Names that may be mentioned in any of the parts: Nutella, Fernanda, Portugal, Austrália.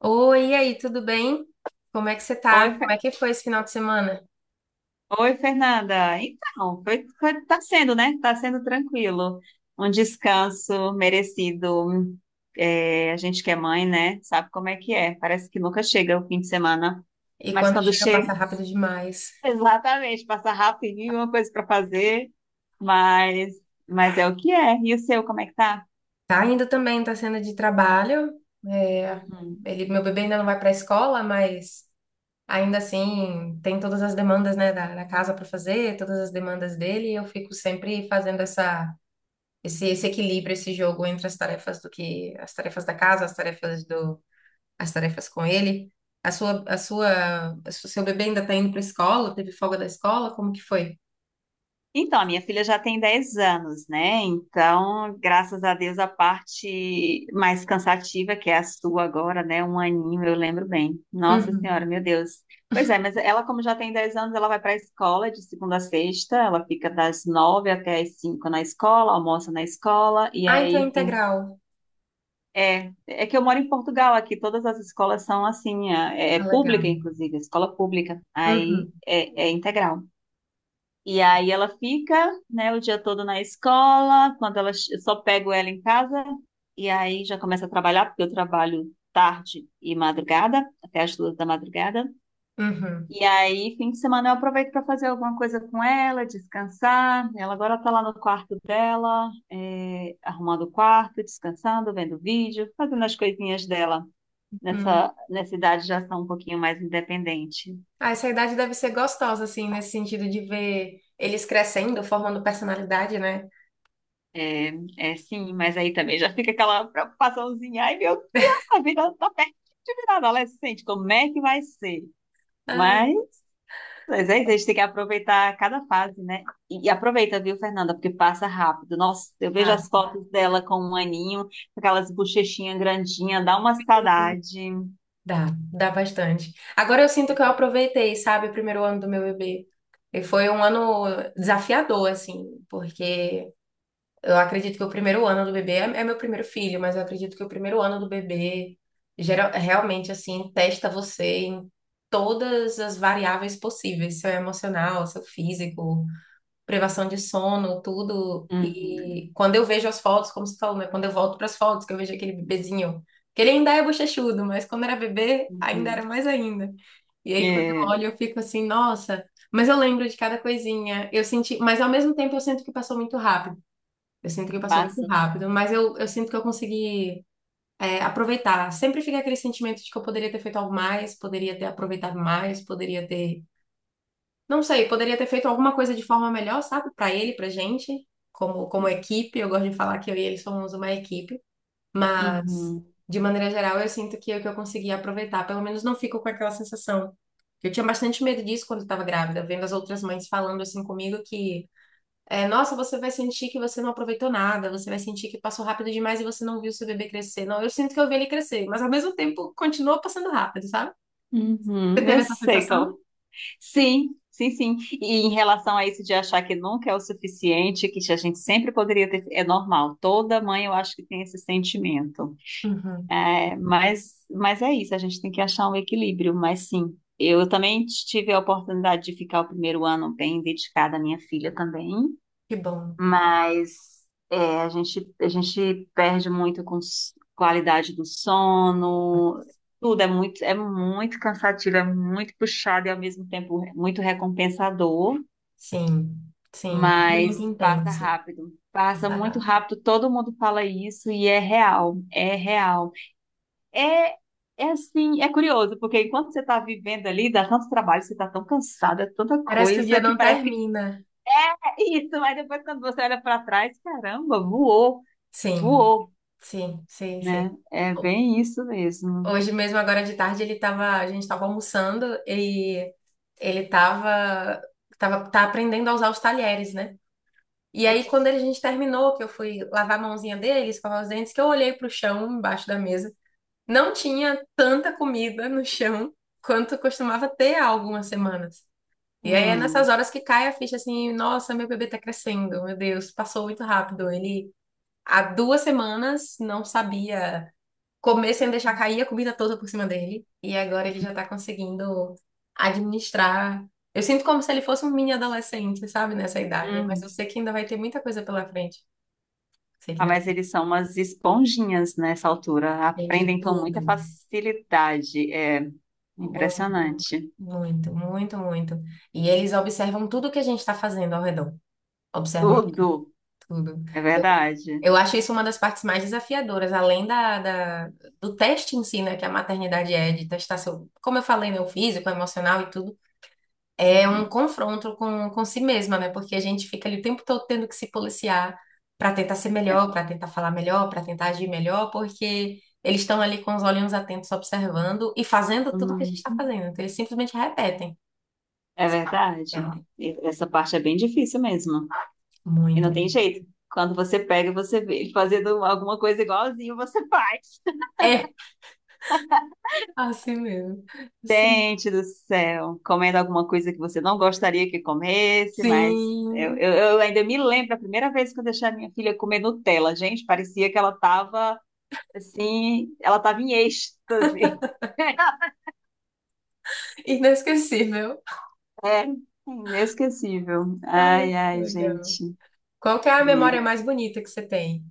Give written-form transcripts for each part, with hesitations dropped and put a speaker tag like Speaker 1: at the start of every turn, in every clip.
Speaker 1: Oi, e aí, tudo bem? Como é que você tá?
Speaker 2: Oi,
Speaker 1: Como
Speaker 2: Fe-
Speaker 1: é que foi esse final de semana?
Speaker 2: Oi, Fernanda. Então, tá sendo, né? Tá sendo tranquilo. Um descanso merecido. É, a gente que é mãe, né? Sabe como é que é. Parece que nunca chega o fim de semana.
Speaker 1: E
Speaker 2: Mas
Speaker 1: quando
Speaker 2: quando
Speaker 1: chega,
Speaker 2: chega,
Speaker 1: passa rápido demais.
Speaker 2: exatamente, passa rapidinho, uma coisa para fazer. Mas, mas é o que é. E o seu, como é que tá?
Speaker 1: Tá indo também, tá sendo de trabalho. É, ele, meu bebê ainda não vai pra escola, mas ainda assim tem todas as demandas, né, da casa para fazer, todas as demandas dele, e eu fico sempre fazendo essa, esse equilíbrio, esse jogo entre as tarefas do que, as tarefas da casa, as tarefas com ele? O seu bebê ainda está indo para a escola? Teve folga da escola? Como que foi?
Speaker 2: Então, a minha filha já tem 10 anos, né? Então, graças a Deus, a parte mais cansativa, que é a sua agora, né? Um aninho, eu lembro bem. Nossa Senhora,
Speaker 1: Uhum.
Speaker 2: meu Deus. Pois é, mas ela, como já tem 10 anos, ela vai para a escola de segunda a sexta, ela fica das 9h até as 5h na escola, almoça na escola, e
Speaker 1: Ah, então é
Speaker 2: aí, enfim.
Speaker 1: integral.
Speaker 2: É que eu moro em Portugal, aqui todas as escolas são assim, é
Speaker 1: Ah,
Speaker 2: pública,
Speaker 1: legal.
Speaker 2: inclusive, escola pública, aí
Speaker 1: Uhum,
Speaker 2: é integral. E aí ela fica, né, o dia todo na escola, quando ela eu só pego ela em casa e aí já começa a trabalhar, porque eu trabalho tarde e madrugada, até as 2 da madrugada.
Speaker 1: uhum,
Speaker 2: E aí, fim de semana eu aproveito para fazer alguma coisa com ela, descansar. Ela agora tá lá no quarto dela, é, arrumando o quarto, descansando, vendo vídeo, fazendo as coisinhas dela.
Speaker 1: uhum.
Speaker 2: Nessa idade já são um pouquinho mais independente.
Speaker 1: Ah, essa idade deve ser gostosa, assim, nesse sentido de ver eles crescendo, formando personalidade, né?
Speaker 2: É, é sim, mas aí também já fica aquela preocupaçãozinha. Ai, meu Deus, a vida tá perto de virar adolescente, como é que vai ser?
Speaker 1: Ah,
Speaker 2: Mas, mas é isso, a gente tem que aproveitar cada fase, né? E aproveita, viu, Fernanda, porque passa rápido. Nossa, eu vejo
Speaker 1: ah,
Speaker 2: as fotos dela com um aninho, com aquelas bochechinhas grandinhas, dá uma saudade.
Speaker 1: dá, dá bastante. Agora eu sinto que eu
Speaker 2: Uhum,
Speaker 1: aproveitei, sabe, o primeiro ano do meu bebê. E foi um ano desafiador, assim, porque eu acredito que o primeiro ano do bebê é meu primeiro filho, mas eu acredito que o primeiro ano do bebê geral, realmente assim testa você em todas as variáveis possíveis, seu emocional, seu físico, privação de sono, tudo.
Speaker 2: uhum.
Speaker 1: E quando eu vejo as fotos, como você falou, né? Quando eu volto para as fotos, que eu vejo aquele bebezinho, que ele ainda é bochechudo, mas quando era bebê, ainda era
Speaker 2: Uhum.
Speaker 1: mais ainda. E aí quando eu
Speaker 2: É,
Speaker 1: olho, eu fico assim, nossa, mas eu lembro de cada coisinha. Eu senti, mas ao mesmo tempo eu sinto que passou muito rápido. Eu sinto que passou muito
Speaker 2: passa.
Speaker 1: rápido, mas eu sinto que eu consegui, aproveitar. Sempre fica aquele sentimento de que eu poderia ter feito algo mais, poderia ter aproveitado mais, poderia ter, não sei, poderia ter feito alguma coisa de forma melhor, sabe? Pra ele, pra gente, como equipe. Eu gosto de falar que eu e ele somos uma equipe, mas
Speaker 2: Uhum,
Speaker 1: de maneira geral eu sinto que é o que eu consegui aproveitar. Pelo menos não fico com aquela sensação. Eu tinha bastante medo disso quando eu estava grávida, vendo as outras mães falando assim comigo que é, nossa, você vai sentir que você não aproveitou nada, você vai sentir que passou rápido demais e você não viu seu bebê crescer. Não, eu sinto que eu vi ele crescer, mas ao mesmo tempo continuou passando rápido, sabe? Você
Speaker 2: uhum.
Speaker 1: teve
Speaker 2: Eu
Speaker 1: essa
Speaker 2: sei
Speaker 1: sensação?
Speaker 2: qual. Sim, sim, sim. E em relação a isso de achar que nunca é o suficiente, que a gente sempre poderia ter, é normal. Toda mãe eu acho que tem esse sentimento.
Speaker 1: Uhum,
Speaker 2: É, mas é isso, a gente tem que achar um equilíbrio, mas sim. Eu também tive a oportunidade de ficar o primeiro ano bem dedicada à minha filha também,
Speaker 1: que bom.
Speaker 2: mas é, a gente perde muito com qualidade do sono, tudo é muito cansativo, é muito puxado e ao mesmo tempo muito recompensador,
Speaker 1: Sim, sim, muito
Speaker 2: mas passa
Speaker 1: intenso.
Speaker 2: rápido. Passa
Speaker 1: Passar
Speaker 2: muito
Speaker 1: rápido.
Speaker 2: rápido, todo mundo fala isso e é real, é real. É, é assim, é curioso, porque enquanto você está vivendo ali, dá tanto trabalho, você está tão cansada, tanta
Speaker 1: Parece que o
Speaker 2: coisa,
Speaker 1: dia
Speaker 2: que
Speaker 1: não
Speaker 2: parece que
Speaker 1: termina.
Speaker 2: é isso, mas depois quando você olha para trás, caramba, voou,
Speaker 1: Sim,
Speaker 2: voou,
Speaker 1: sim, sim, sim.
Speaker 2: né? É
Speaker 1: Ho-
Speaker 2: bem isso mesmo.
Speaker 1: Hoje mesmo, agora de tarde, ele tava, a gente estava almoçando e ele tá aprendendo a usar os talheres, né? E
Speaker 2: É
Speaker 1: aí,
Speaker 2: que...
Speaker 1: quando a gente terminou, que eu fui lavar a mãozinha dele, escovar os dentes, que eu olhei pro chão, embaixo da mesa, não tinha tanta comida no chão quanto costumava ter há algumas semanas. E aí é
Speaker 2: Hum,
Speaker 1: nessas horas que cai a ficha assim, nossa, meu bebê tá crescendo, meu Deus, passou muito rápido. Ele há 2 semanas não sabia comer sem deixar cair a comida toda por cima dele. E agora ele já tá conseguindo administrar. Eu sinto como se ele fosse um mini adolescente, sabe, nessa idade. Mas eu
Speaker 2: hum.
Speaker 1: sei que ainda vai ter muita coisa pela frente. Sei que
Speaker 2: Ah,
Speaker 1: ainda vai
Speaker 2: mas eles são umas esponjinhas nessa altura.
Speaker 1: ter de
Speaker 2: Aprendem com
Speaker 1: tudo.
Speaker 2: muita facilidade. É
Speaker 1: Muito,
Speaker 2: impressionante.
Speaker 1: muito, muito, muito. E eles observam tudo que a gente está fazendo ao redor. Observam
Speaker 2: Tudo.
Speaker 1: tudo.
Speaker 2: É
Speaker 1: Eu,
Speaker 2: verdade.
Speaker 1: eu acho isso uma das partes mais desafiadoras, além da, do teste em si, né, que a maternidade é, de testar seu, como eu falei, meu físico, emocional e tudo. É um
Speaker 2: Uhum.
Speaker 1: confronto com si mesma, né? Porque a gente fica ali o tempo todo tendo que se policiar para tentar ser
Speaker 2: É,
Speaker 1: melhor, para tentar falar melhor, para tentar agir melhor, porque eles estão ali com os olhinhos atentos observando e fazendo tudo que a gente
Speaker 2: hum,
Speaker 1: está fazendo. Então, eles simplesmente repetem.
Speaker 2: é verdade.
Speaker 1: Repetem
Speaker 2: E essa parte é bem difícil mesmo. E
Speaker 1: muito.
Speaker 2: não tem jeito. Quando você pega, e você vê ele fazendo alguma coisa igualzinho, você faz.
Speaker 1: É assim mesmo. Assim.
Speaker 2: Gente do céu, comendo alguma coisa que você não gostaria que comesse, mas eu,
Speaker 1: Sim.
Speaker 2: eu- eu ainda me lembro a primeira vez que eu deixei a minha filha comer Nutella, gente, parecia que ela estava assim, ela estava em êxtase.
Speaker 1: Inesquecível.
Speaker 2: É, inesquecível.
Speaker 1: Ai,
Speaker 2: Ai,
Speaker 1: que
Speaker 2: ai,
Speaker 1: legal.
Speaker 2: gente.
Speaker 1: Qual que é a memória
Speaker 2: É.
Speaker 1: mais bonita que você tem?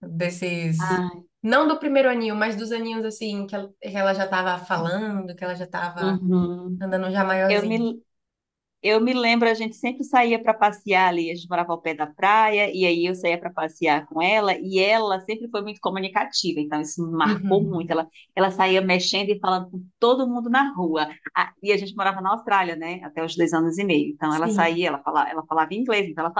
Speaker 1: Desses.
Speaker 2: Ai,
Speaker 1: Não do primeiro aninho, mas dos aninhos assim, que ela já tava falando, que ela já tava
Speaker 2: uhum.
Speaker 1: andando já
Speaker 2: Eu
Speaker 1: maiorzinha.
Speaker 2: me Eu me lembro, a gente sempre saía para passear ali, a gente morava ao pé da praia, e aí eu saía para passear com ela, e ela sempre foi muito comunicativa, então isso me marcou muito.
Speaker 1: Uhum.
Speaker 2: Ela saía mexendo e falando com todo mundo na rua. Ah, e a gente morava na Austrália, né, até os 2 anos e meio. Então ela
Speaker 1: Sim.
Speaker 2: saía, ela falava, inglês, então ela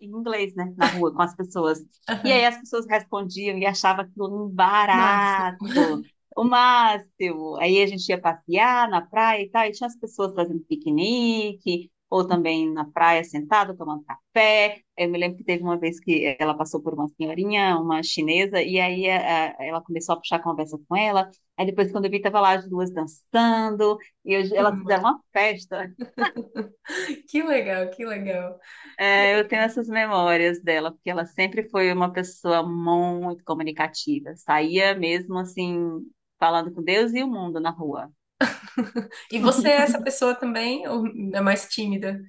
Speaker 2: em inglês, né, na rua com as pessoas. E aí
Speaker 1: Aham.
Speaker 2: as pessoas respondiam e achava aquilo um
Speaker 1: Máximo.
Speaker 2: barato, o máximo. Aí a gente ia passear na praia e tal, e tinha as pessoas fazendo piquenique, ou também na praia sentada, tomando café. Eu me lembro que teve uma vez que ela passou por uma senhorinha, uma chinesa, e aí ela começou a puxar a conversa com ela. Aí depois, quando eu vi, tava lá as duas dançando,
Speaker 1: Que
Speaker 2: elas
Speaker 1: ma-
Speaker 2: fizeram uma festa.
Speaker 1: que legal, que legal. Que
Speaker 2: É, eu tenho
Speaker 1: legal.
Speaker 2: essas memórias dela, porque ela sempre foi uma pessoa muito comunicativa. Saía mesmo assim, falando com Deus e o mundo na rua.
Speaker 1: E você é essa pessoa também, ou é mais tímida?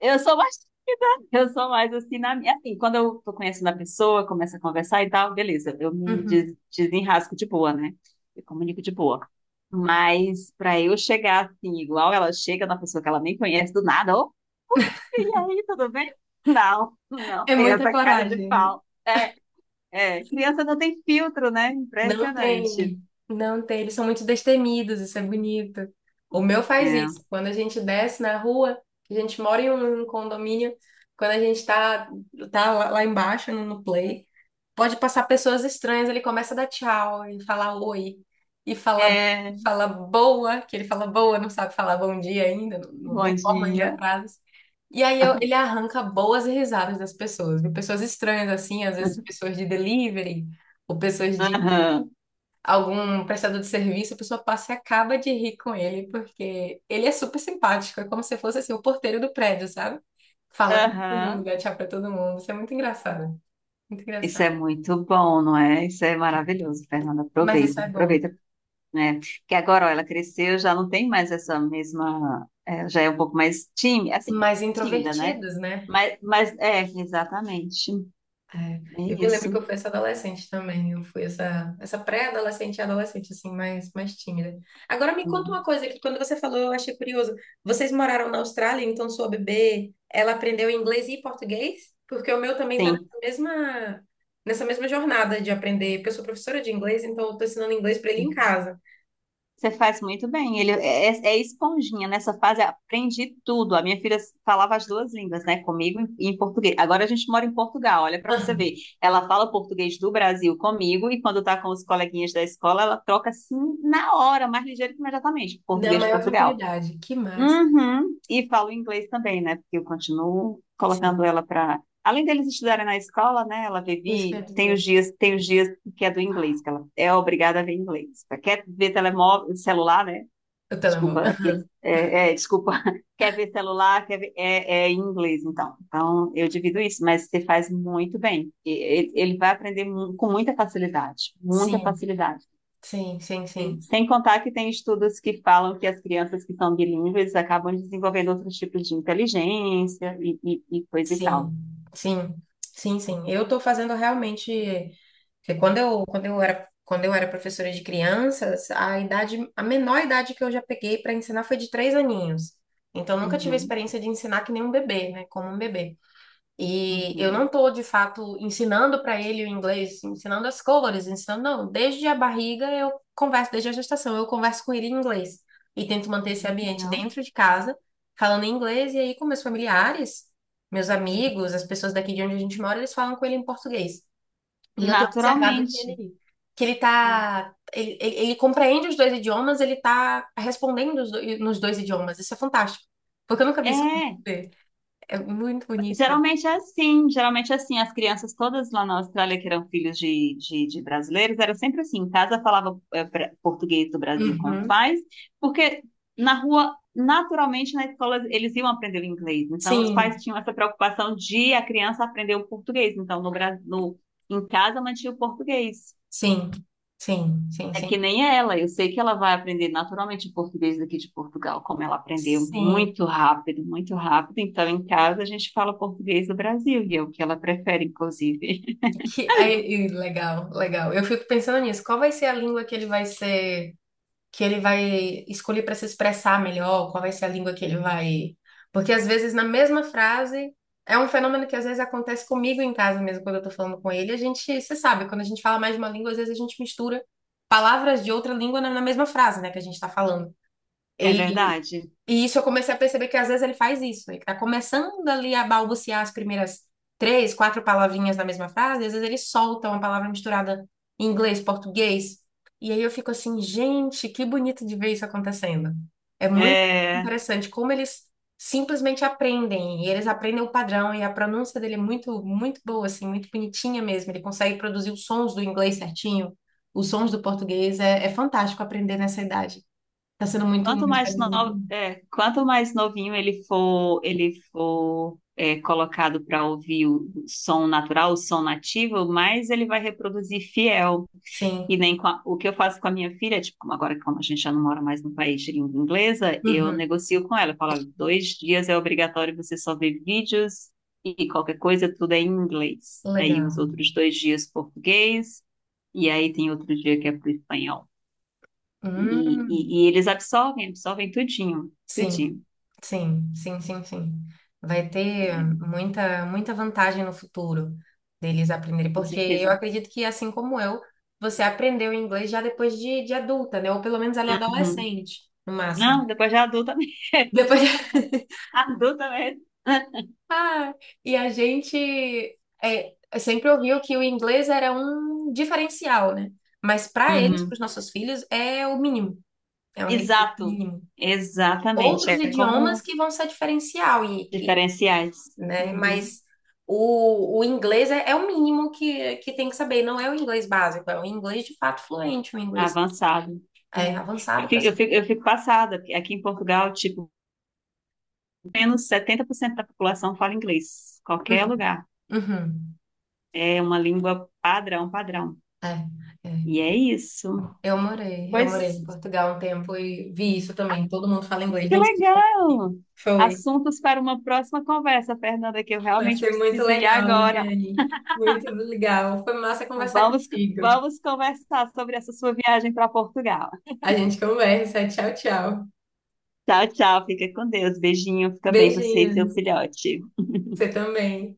Speaker 2: Eu sou mais tímida, eu sou mais assim na minha. Assim, quando eu tô conhecendo a pessoa, começo a conversar e tal, beleza, eu me
Speaker 1: Uhum.
Speaker 2: des- desenrasco de boa, né? Eu comunico de boa. Mas para eu chegar assim, igual ela chega na pessoa que ela nem conhece do nada, ô, e aí, tudo bem? Não, não,
Speaker 1: É
Speaker 2: tem
Speaker 1: muita
Speaker 2: essa cara de
Speaker 1: coragem.
Speaker 2: pau. É. Criança não tem filtro, né?
Speaker 1: Não
Speaker 2: Impressionante.
Speaker 1: tem, não tem. Eles são muito destemidos, isso é bonito. O meu faz isso. Quando a gente desce na rua, a gente mora em um condomínio, quando a gente tá lá lá embaixo no, no play, pode passar pessoas estranhas, ele começa a dar tchau e falar oi, e fala,
Speaker 2: É. É,
Speaker 1: fala boa, que ele fala boa, não sabe falar bom dia ainda, não, não
Speaker 2: bom
Speaker 1: não forma ainda
Speaker 2: dia.
Speaker 1: frases. E aí ele arranca boas risadas das pessoas, viu? Pessoas estranhas assim, às vezes pessoas de delivery, ou pessoas de
Speaker 2: Aham,
Speaker 1: algum prestador de serviço, a pessoa passa e acaba de rir com ele, porque ele é super simpático, é como se fosse assim, o porteiro do prédio, sabe? Fala com todo mundo,
Speaker 2: aham.
Speaker 1: dá tchau pra todo mundo. Isso é muito engraçado, muito
Speaker 2: Isso é
Speaker 1: engraçado.
Speaker 2: muito bom, não é? Isso é maravilhoso, Fernanda.
Speaker 1: Mas isso
Speaker 2: Aproveita,
Speaker 1: é bom.
Speaker 2: aproveita, né? Que agora, ó, ela cresceu, já não tem mais essa mesma, é, já é um pouco mais tímida, assim,
Speaker 1: Mas
Speaker 2: tímida, né?
Speaker 1: introvertidos, né?
Speaker 2: Mas é, exatamente.
Speaker 1: É, eu
Speaker 2: É
Speaker 1: me lembro que
Speaker 2: isso.
Speaker 1: eu fui essa adolescente também. Eu fui essa pré-adolescente e adolescente, assim, mais, mais tímida. Agora me conta uma
Speaker 2: Hum,
Speaker 1: coisa que quando você falou eu achei curioso. Vocês moraram na Austrália, então sua bebê, ela aprendeu inglês e português? Porque o meu também tá
Speaker 2: sim.
Speaker 1: nessa mesma jornada de aprender. Porque eu sou professora de inglês, então eu tô ensinando inglês para ele em casa.
Speaker 2: Você faz muito bem. Ele é esponjinha. Nessa fase, aprendi tudo. A minha filha falava as duas línguas, né? Comigo e em português. Agora a gente mora em Portugal, olha para você
Speaker 1: Aham.
Speaker 2: ver. Ela fala português do Brasil comigo e quando tá com os coleguinhas da escola, ela troca assim na hora, mais ligeiro que imediatamente,
Speaker 1: Na
Speaker 2: português de
Speaker 1: maior
Speaker 2: Portugal.
Speaker 1: tranquilidade. Que massa.
Speaker 2: Uhum. E falo inglês também, né? Porque eu continuo
Speaker 1: Sim.
Speaker 2: colocando ela para. Além deles estudarem na escola, né? Ela
Speaker 1: Isso quer
Speaker 2: vive, tem
Speaker 1: dizer.
Speaker 2: os dias, tem os dias que é do inglês, que ela é obrigada a ver inglês. Quer ver telemóvel, celular, né?
Speaker 1: O
Speaker 2: Desculpa,
Speaker 1: telemóvel.
Speaker 2: aquele, desculpa, quer ver celular, quer ver, é em inglês, então. Então, eu divido isso, mas você faz muito bem. Ele vai aprender com muita facilidade, muita
Speaker 1: Sim,
Speaker 2: facilidade.
Speaker 1: sim, sim,
Speaker 2: Sem
Speaker 1: sim.
Speaker 2: sem contar que tem estudos que falam que as crianças que são bilíngues acabam desenvolvendo outros tipos de inteligência e coisa e tal.
Speaker 1: Sim, sim, sim, sim. Eu estou fazendo realmente, porque quando eu era professora de crianças, a idade, a menor idade que eu já peguei para ensinar foi de 3 aninhos. Então nunca tive a
Speaker 2: Uhum,
Speaker 1: experiência de ensinar que nem um bebê, né? Como um bebê. E eu não
Speaker 2: uhum.
Speaker 1: estou, de fato, ensinando para ele o inglês, ensinando as cores, ensinando, não. Desde a barriga eu converso, desde a gestação, eu converso com ele em inglês. E tento manter esse
Speaker 2: Olha que
Speaker 1: ambiente
Speaker 2: legal.
Speaker 1: dentro de casa, falando em inglês, e aí com meus familiares, meus amigos, as pessoas daqui de onde a gente mora, eles falam com ele em português. E eu tenho observado que
Speaker 2: Naturalmente,
Speaker 1: ele, que ele
Speaker 2: né?
Speaker 1: tá, ele, ele, ele compreende os dois idiomas, ele tá respondendo nos dois idiomas. Isso é fantástico, porque eu nunca vi isso
Speaker 2: É,
Speaker 1: acontecer. É muito bonito.
Speaker 2: geralmente é assim, geralmente é assim. As crianças todas lá na Austrália que eram filhos de brasileiros, era sempre assim. Em casa falava português do Brasil com os
Speaker 1: Uhum.
Speaker 2: pais, porque na rua, naturalmente, na escola eles iam aprender o inglês. Então, os pais
Speaker 1: Sim,
Speaker 2: tinham essa preocupação de a criança aprender o português. Então, no, Bra- no, em casa mantinha o português.
Speaker 1: sim, sim, sim,
Speaker 2: É que
Speaker 1: sim.
Speaker 2: nem ela, eu sei que ela vai aprender naturalmente o português daqui de Portugal, como ela aprendeu
Speaker 1: Sim,
Speaker 2: muito rápido, muito rápido. Então, em casa, a gente fala português do Brasil, e é o que ela prefere, inclusive.
Speaker 1: que aí, e legal, legal. Eu fico pensando nisso. Qual vai ser a língua que ele vai escolher para se expressar melhor? Qual vai ser a língua que ele vai? Porque às vezes na mesma frase é um fenômeno que às vezes acontece comigo em casa mesmo quando eu tô falando com ele. A gente, você sabe, quando a gente fala mais de uma língua, às vezes a gente mistura palavras de outra língua na mesma frase, né, que a gente tá falando.
Speaker 2: É verdade?
Speaker 1: E isso eu comecei a perceber que às vezes ele faz isso. Ele tá começando ali a balbuciar as primeiras três, quatro palavrinhas da mesma frase, às vezes ele solta uma palavra misturada em inglês, português. E aí eu fico assim, gente, que bonito de ver isso acontecendo. É muito
Speaker 2: É,
Speaker 1: interessante como eles simplesmente aprendem, e eles aprendem o padrão, e a pronúncia dele é muito, muito boa, assim, muito bonitinha mesmo. Ele consegue produzir os sons do inglês certinho, os sons do português. É fantástico aprender nessa idade. Tá sendo muito,
Speaker 2: Quanto
Speaker 1: uma
Speaker 2: mais
Speaker 1: experiência muito.
Speaker 2: no-
Speaker 1: Boa.
Speaker 2: é, quanto mais novinho ele for, colocado para ouvir o som natural, o som nativo, mais ele vai reproduzir fiel.
Speaker 1: Sim.
Speaker 2: E nem com a- o que eu faço com a minha filha, tipo, como agora como a gente já não mora mais no país de língua inglesa, eu
Speaker 1: Uhum,
Speaker 2: negocio com ela. Eu falo, "Olha, 2 dias é obrigatório você só ver vídeos e qualquer coisa, tudo é em inglês. Aí os
Speaker 1: legal.
Speaker 2: outros 2 dias português, e aí tem outro dia que é para o espanhol.
Speaker 1: Hum,
Speaker 2: E eles absorvem, absorvem tudinho,
Speaker 1: sim,
Speaker 2: tudinho.
Speaker 1: sim, sim, sim, sim. Vai ter
Speaker 2: É,
Speaker 1: muita, muita vantagem no futuro deles aprenderem,
Speaker 2: com
Speaker 1: porque eu
Speaker 2: certeza.
Speaker 1: acredito que, assim como eu, você aprendeu inglês já depois de adulta, né? Ou pelo menos ali
Speaker 2: Uhum.
Speaker 1: adolescente, no máximo.
Speaker 2: Não, depois já adulta mesmo.
Speaker 1: Depois de...
Speaker 2: Adulta mesmo.
Speaker 1: Ah, e a gente sempre ouviu que o inglês era um diferencial, né? Mas para eles, para
Speaker 2: Uhum.
Speaker 1: os nossos filhos, é o mínimo, é um requisito
Speaker 2: Exato.
Speaker 1: mínimo.
Speaker 2: Exatamente.
Speaker 1: Outros
Speaker 2: É
Speaker 1: idiomas
Speaker 2: como
Speaker 1: que vão ser diferencial,
Speaker 2: diferenciais.
Speaker 1: né?
Speaker 2: Uhum.
Speaker 1: Mas o inglês é o mínimo que tem que saber, não é o inglês básico, é o inglês de fato fluente, o inglês
Speaker 2: Avançado. É.
Speaker 1: é avançado
Speaker 2: Eu
Speaker 1: para.
Speaker 2: fico, eu fico, eu fico passada. Porque aqui em Portugal, tipo, menos 70% da população fala inglês. Qualquer
Speaker 1: Uhum,
Speaker 2: lugar.
Speaker 1: uhum,
Speaker 2: É uma língua padrão, padrão.
Speaker 1: é, é.
Speaker 2: E é isso.
Speaker 1: Eu morei, eu
Speaker 2: Pois,
Speaker 1: morei em Portugal um tempo e vi isso também. Todo mundo fala inglês,
Speaker 2: que
Speaker 1: nem sei como
Speaker 2: legal!
Speaker 1: foi.
Speaker 2: Assuntos para uma próxima conversa, Fernanda, que eu
Speaker 1: Vai
Speaker 2: realmente
Speaker 1: ser muito
Speaker 2: preciso ir
Speaker 1: legal,
Speaker 2: agora.
Speaker 1: Liane. Muito legal. Foi massa conversar
Speaker 2: Vamos,
Speaker 1: contigo.
Speaker 2: vamos conversar sobre essa sua viagem para Portugal.
Speaker 1: A gente conversa. Tchau, tchau.
Speaker 2: Tchau, tchau. Fica com Deus. Beijinho. Fica bem você e seu
Speaker 1: Beijinhos.
Speaker 2: filhote.
Speaker 1: Você também.